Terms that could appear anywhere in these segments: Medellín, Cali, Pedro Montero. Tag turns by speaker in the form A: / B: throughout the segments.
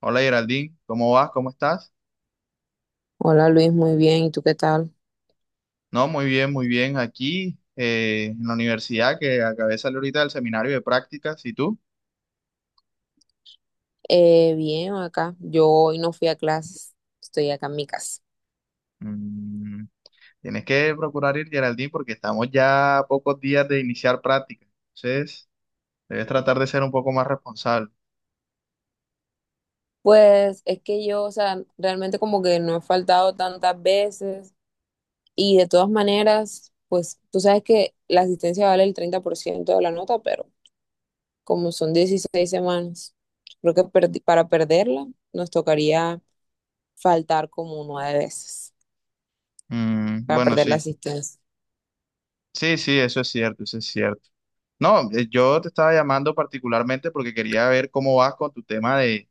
A: Hola Geraldine, ¿cómo vas? ¿Cómo estás?
B: Hola Luis, muy bien. ¿Y tú qué tal?
A: No, muy bien, muy bien. Aquí en la universidad que acabé de salir ahorita del seminario de prácticas, ¿y tú?
B: Bien, acá. Yo hoy no fui a clases, estoy acá en mi casa.
A: Mm, tienes que procurar ir, Geraldine, porque estamos ya a pocos días de iniciar prácticas. Entonces, debes tratar de ser un poco más responsable.
B: Pues es que yo, o sea, realmente como que no he faltado tantas veces y de todas maneras, pues tú sabes que la asistencia vale el 30% de la nota, pero como son 16 semanas, creo que para perderla nos tocaría faltar como nueve veces
A: Mm,
B: para
A: bueno,
B: perder la
A: sí.
B: asistencia.
A: Sí, sí, eso es cierto, eso es cierto. No, yo te estaba llamando particularmente porque quería ver cómo vas con tu tema de,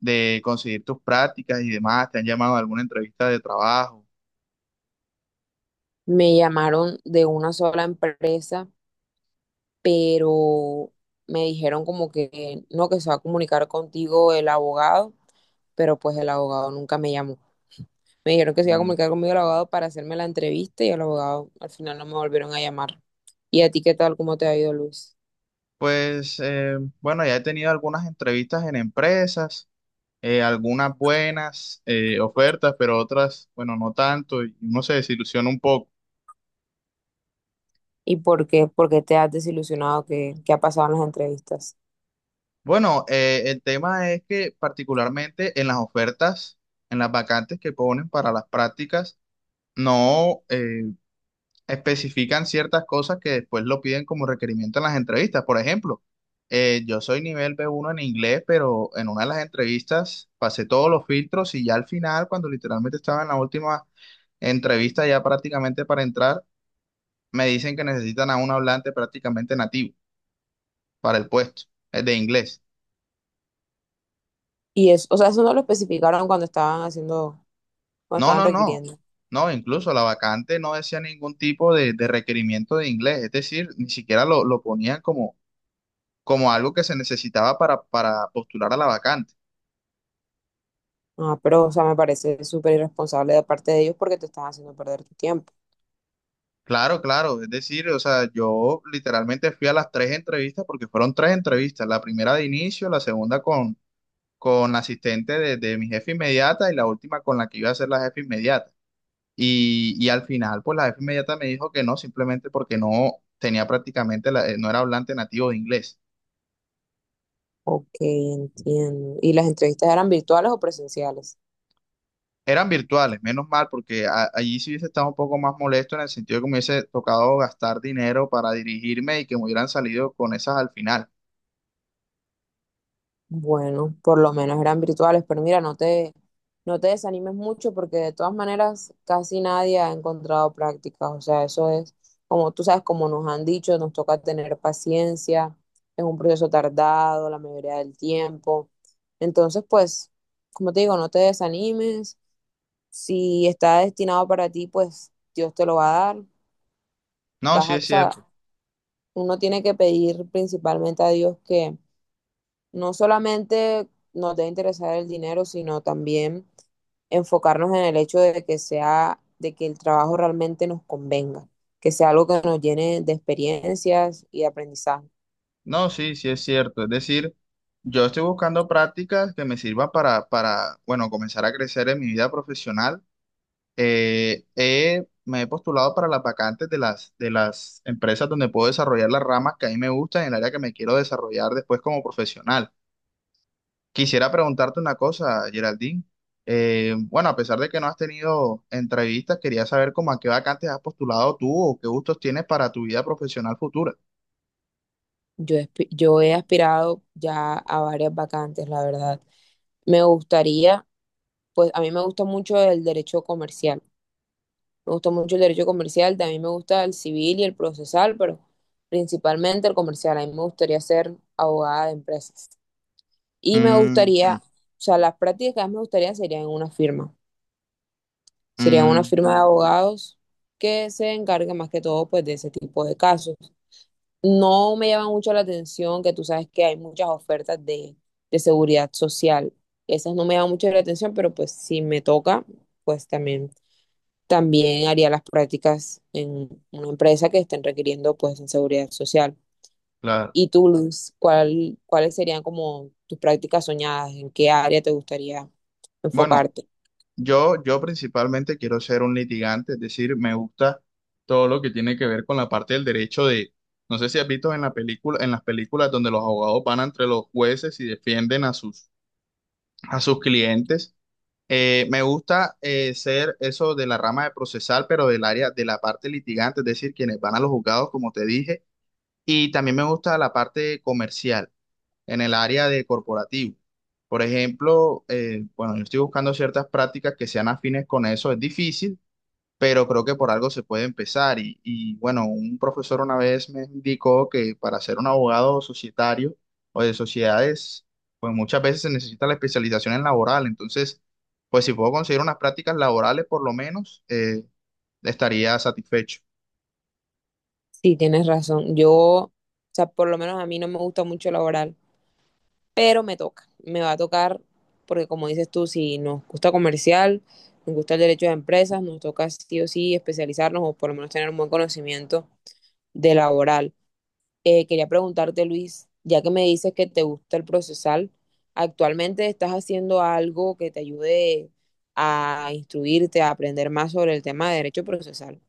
A: de conseguir tus prácticas y demás. ¿Te han llamado a alguna entrevista de trabajo?
B: Me llamaron de una sola empresa, pero me dijeron como que no, que se va a comunicar contigo el abogado, pero pues el abogado nunca me llamó. Me dijeron que se iba a
A: Mm.
B: comunicar conmigo el abogado para hacerme la entrevista y el abogado al final no me volvieron a llamar. ¿Y a ti qué tal? ¿Cómo te ha ido, Luis?
A: Pues bueno, ya he tenido algunas entrevistas en empresas, algunas buenas ofertas, pero otras, bueno, no tanto, y uno se desilusiona un poco.
B: ¿Y por qué? ¿Por qué te has desilusionado? ¿Qué ha pasado en las entrevistas?
A: Bueno, el tema es que particularmente en las ofertas, en las vacantes que ponen para las prácticas, no, especifican ciertas cosas que después lo piden como requerimiento en las entrevistas. Por ejemplo, yo soy nivel b uno en inglés, pero en una de las entrevistas pasé todos los filtros y ya al final, cuando literalmente estaba en la última entrevista, ya prácticamente para entrar, me dicen que necesitan a un hablante prácticamente nativo para el puesto, de inglés.
B: Y eso, o sea, eso no lo especificaron cuando estaban haciendo, cuando
A: No,
B: estaban
A: no, no.
B: requiriendo.
A: No, incluso la vacante no decía ningún tipo de requerimiento de inglés, es decir, ni siquiera lo ponían como como algo que se necesitaba para postular a la vacante.
B: Ah, pero, o sea, me parece súper irresponsable de parte de ellos porque te están haciendo perder tu tiempo.
A: Claro, claro, es decir, o sea, yo literalmente fui a las tres entrevistas porque fueron tres entrevistas, la primera de inicio, la segunda con la asistente de mi jefe inmediata y la última con la que iba a ser la jefe inmediata. Y al final, pues la jefe inmediata me dijo que no, simplemente porque no tenía prácticamente, no era hablante nativo de inglés.
B: Ok, entiendo. ¿Y las entrevistas eran virtuales o presenciales?
A: Eran virtuales, menos mal, porque allí sí hubiese estado un poco más molesto en el sentido de que me hubiese tocado gastar dinero para dirigirme y que me hubieran salido con esas al final.
B: Bueno, por lo menos eran virtuales, pero mira, no te desanimes mucho porque de todas maneras casi nadie ha encontrado prácticas. O sea, eso es, como tú sabes, como nos han dicho, nos toca tener paciencia, es un proceso tardado la mayoría del tiempo. Entonces, pues, como te digo, no te desanimes. Si está destinado para ti, pues Dios te lo va a dar.
A: No,
B: Vas
A: sí
B: a,
A: es
B: o sea,
A: cierto.
B: uno tiene que pedir principalmente a Dios que no solamente nos debe interesar el dinero, sino también enfocarnos en el hecho de que sea, de que el trabajo realmente nos convenga, que sea algo que nos llene de experiencias y de aprendizaje.
A: No, sí, sí es cierto. Es decir, yo estoy buscando prácticas que me sirvan para, bueno, comenzar a crecer en mi vida profesional. Me he postulado para las vacantes de de las empresas donde puedo desarrollar las ramas que a mí me gustan y el área que me quiero desarrollar después como profesional. Quisiera preguntarte una cosa, Geraldine. Bueno, a pesar de que no has tenido entrevistas, quería saber cómo a qué vacantes has postulado tú o qué gustos tienes para tu vida profesional futura.
B: Yo, yo he aspirado ya a varias vacantes, la verdad. Me gustaría, pues a mí me gusta mucho el derecho comercial. Me gusta mucho el derecho comercial, también me gusta el civil y el procesal, pero principalmente el comercial. A mí me gustaría ser abogada de empresas. Y me
A: Mm, mm,
B: gustaría, o sea, las prácticas que más me gustaría serían en una firma. Serían una
A: mm,
B: firma de abogados que se encargue más que todo pues de ese tipo de casos. No me llama mucho la atención, que tú sabes que hay muchas ofertas de seguridad social. Esas no me llaman mucho la atención, pero pues si me toca, pues también también haría las prácticas en una empresa que estén requiriendo pues en seguridad social.
A: claro.
B: ¿Y tú, Luz, cuáles serían como tus prácticas soñadas? ¿En qué área te gustaría
A: Bueno,
B: enfocarte?
A: yo principalmente quiero ser un litigante, es decir, me gusta todo lo que tiene que ver con la parte del derecho de, no sé si has visto en la película, en las películas donde los abogados van entre los jueces y defienden a a sus clientes. Me gusta ser eso de la rama de procesal, pero del área de la parte litigante, es decir, quienes van a los juzgados, como te dije, y también me gusta la parte comercial, en el área de corporativo. Por ejemplo, bueno, yo estoy buscando ciertas prácticas que sean afines con eso, es difícil, pero creo que por algo se puede empezar. Bueno, un profesor una vez me indicó que para ser un abogado societario o de sociedades, pues muchas veces se necesita la especialización en laboral. Entonces, pues si puedo conseguir unas prácticas laborales, por lo menos, estaría satisfecho.
B: Sí, tienes razón. Yo, o sea, por lo menos a mí no me gusta mucho el laboral, pero me toca. Me va a tocar porque, como dices tú, si nos gusta comercial, nos gusta el derecho de empresas, nos toca sí o sí especializarnos o por lo menos tener un buen conocimiento de laboral. Quería preguntarte, Luis, ya que me dices que te gusta el procesal, ¿actualmente estás haciendo algo que te ayude a instruirte, a aprender más sobre el tema de derecho procesal?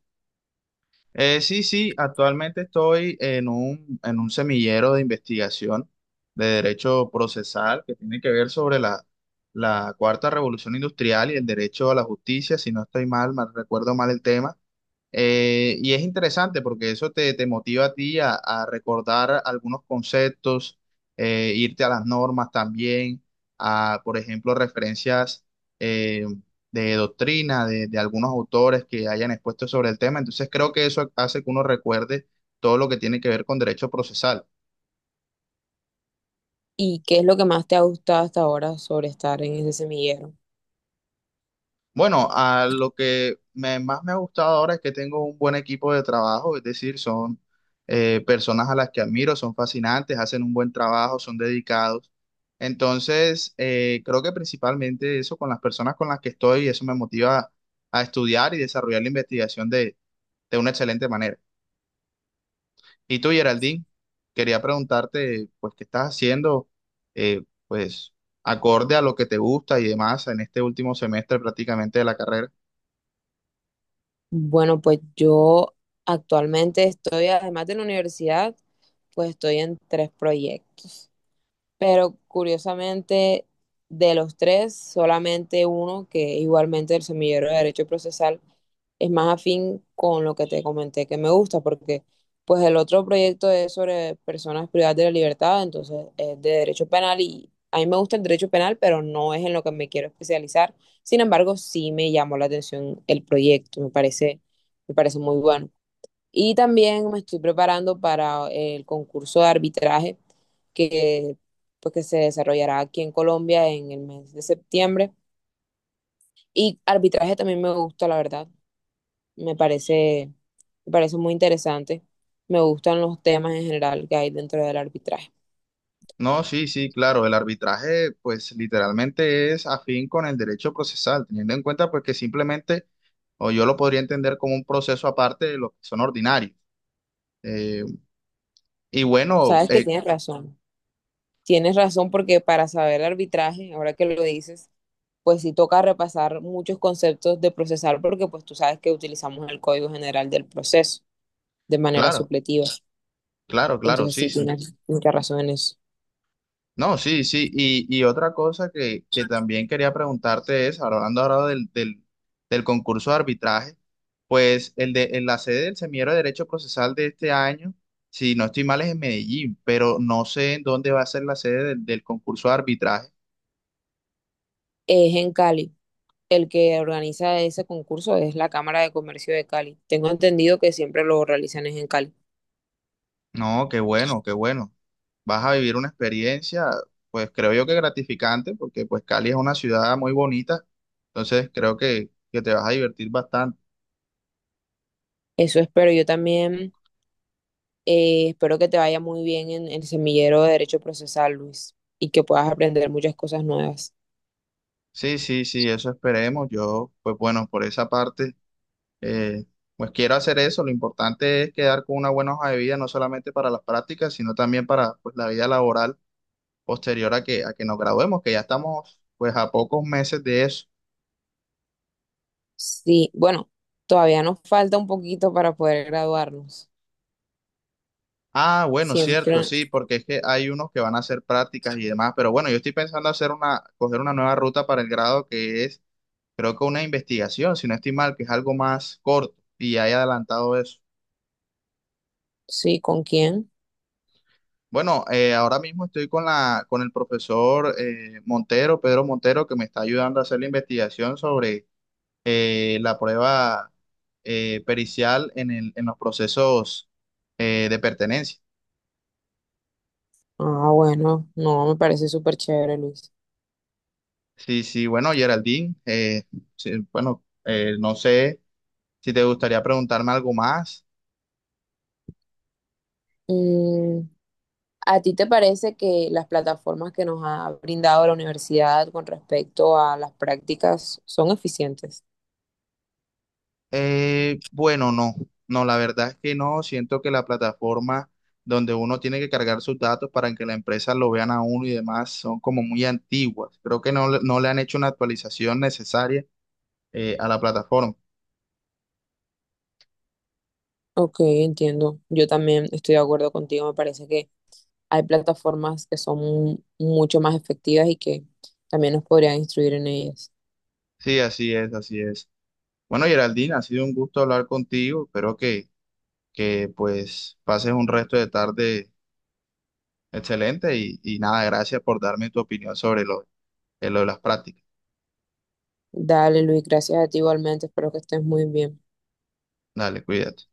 A: Sí, sí, actualmente estoy en en un semillero de investigación de derecho procesal que tiene que ver sobre la cuarta revolución industrial y el derecho a la justicia, si no estoy mal, mal recuerdo mal el tema. Y es interesante porque eso te motiva a ti a recordar algunos conceptos, irte a las normas también, a, por ejemplo, referencias eh, de doctrina de algunos autores que hayan expuesto sobre el tema. Entonces creo que eso hace que uno recuerde todo lo que tiene que ver con derecho procesal.
B: ¿Y qué es lo que más te ha gustado hasta ahora sobre estar en ese semillero?
A: Bueno, a lo que más me ha gustado ahora es que tengo un buen equipo de trabajo, es decir, son personas a las que admiro, son fascinantes, hacen un buen trabajo, son dedicados. Entonces, creo que principalmente eso con las personas con las que estoy, eso me motiva a estudiar y desarrollar la investigación de una excelente manera. Y tú, Geraldine, quería preguntarte, pues, ¿qué estás haciendo? Pues, acorde a lo que te gusta y demás en este último semestre prácticamente de la carrera.
B: Bueno, pues yo actualmente estoy, además de la universidad, pues estoy en tres proyectos. Pero curiosamente, de los tres, solamente uno, que es igualmente el semillero de derecho procesal, es más afín con lo que te comenté que me gusta, porque pues el otro proyecto es sobre personas privadas de la libertad, entonces es de derecho penal y a mí me gusta el derecho penal, pero no es en lo que me quiero especializar. Sin embargo, sí me llamó la atención el proyecto, me parece muy bueno. Y también me estoy preparando para el concurso de arbitraje que, pues, que se desarrollará aquí en Colombia en el mes de septiembre. Y arbitraje también me gusta, la verdad. Me parece, me parece muy interesante. Me gustan los temas en general que hay dentro del arbitraje.
A: No, sí, sí, claro, el arbitraje pues literalmente es afín con el derecho procesal, teniendo en cuenta pues que simplemente, o yo lo podría entender como un proceso aparte de los que son ordinarios. Eh, y bueno,
B: Sabes que
A: eh,
B: tienes razón. Tienes razón porque para saber arbitraje, ahora que lo dices, pues sí toca repasar muchos conceptos de procesal porque pues tú sabes que utilizamos el Código General del Proceso de manera
A: claro,
B: supletiva.
A: claro, claro,
B: Entonces
A: sí,
B: sí
A: sí.
B: tienes mucha razón en eso.
A: No, sí, sí. Y otra cosa que también quería preguntarte es, hablando ahora del concurso de arbitraje, pues el de, en la sede del Semillero de Derecho Procesal de este año, si no estoy mal, es en Medellín, pero no sé en dónde va a ser la sede del concurso de arbitraje.
B: Es en Cali. El que organiza ese concurso es la Cámara de Comercio de Cali. Tengo entendido que siempre lo realizan es en Cali.
A: No, qué bueno, qué bueno. Vas a vivir una experiencia, pues creo yo que gratificante, porque pues Cali es una ciudad muy bonita, entonces creo que te vas a divertir bastante.
B: Eso espero. Yo también espero que te vaya muy bien en el semillero de Derecho Procesal, Luis, y que puedas aprender muchas cosas nuevas.
A: Sí, sí, sí, eso esperemos. Yo, pues bueno, por esa parte, eh, pues quiero hacer eso. Lo importante es quedar con una buena hoja de vida, no solamente para las prácticas, sino también para pues, la vida laboral posterior a a que nos graduemos, que ya estamos pues a pocos meses de eso.
B: Sí, bueno, todavía nos falta un poquito para poder graduarnos.
A: Ah, bueno, cierto,
B: Siempre,
A: sí, porque es que hay unos que van a hacer prácticas y demás, pero bueno, yo estoy pensando hacer una, coger una nueva ruta para el grado que es, creo que una investigación, si no estoy mal, que es algo más corto y ya he adelantado eso.
B: sí, ¿con quién?
A: Bueno, ahora mismo estoy con la, con el profesor Montero, Pedro Montero, que me está ayudando a hacer la investigación sobre la prueba pericial en el, en los procesos de pertenencia.
B: Ah, bueno, no, me parece súper chévere, Luis.
A: Sí, sí, bueno, Geraldine, sí, bueno, no sé si te gustaría preguntarme algo más.
B: Mm, ¿A ti te parece que las plataformas que nos ha brindado la universidad con respecto a las prácticas son eficientes?
A: Bueno, no, no, la verdad es que no. Siento que la plataforma donde uno tiene que cargar sus datos para que la empresa lo vean a uno y demás son como muy antiguas. Creo que no, no le han hecho una actualización necesaria a la plataforma.
B: Ok, entiendo. Yo también estoy de acuerdo contigo. Me parece que hay plataformas que son mucho más efectivas y que también nos podrían instruir en ellas.
A: Sí, así es, así es. Bueno, Geraldine, ha sido un gusto hablar contigo. Espero que pues pases un resto de tarde excelente y nada, gracias por darme tu opinión sobre lo de las prácticas.
B: Dale, Luis, gracias a ti igualmente, espero que estés muy bien.
A: Dale, cuídate.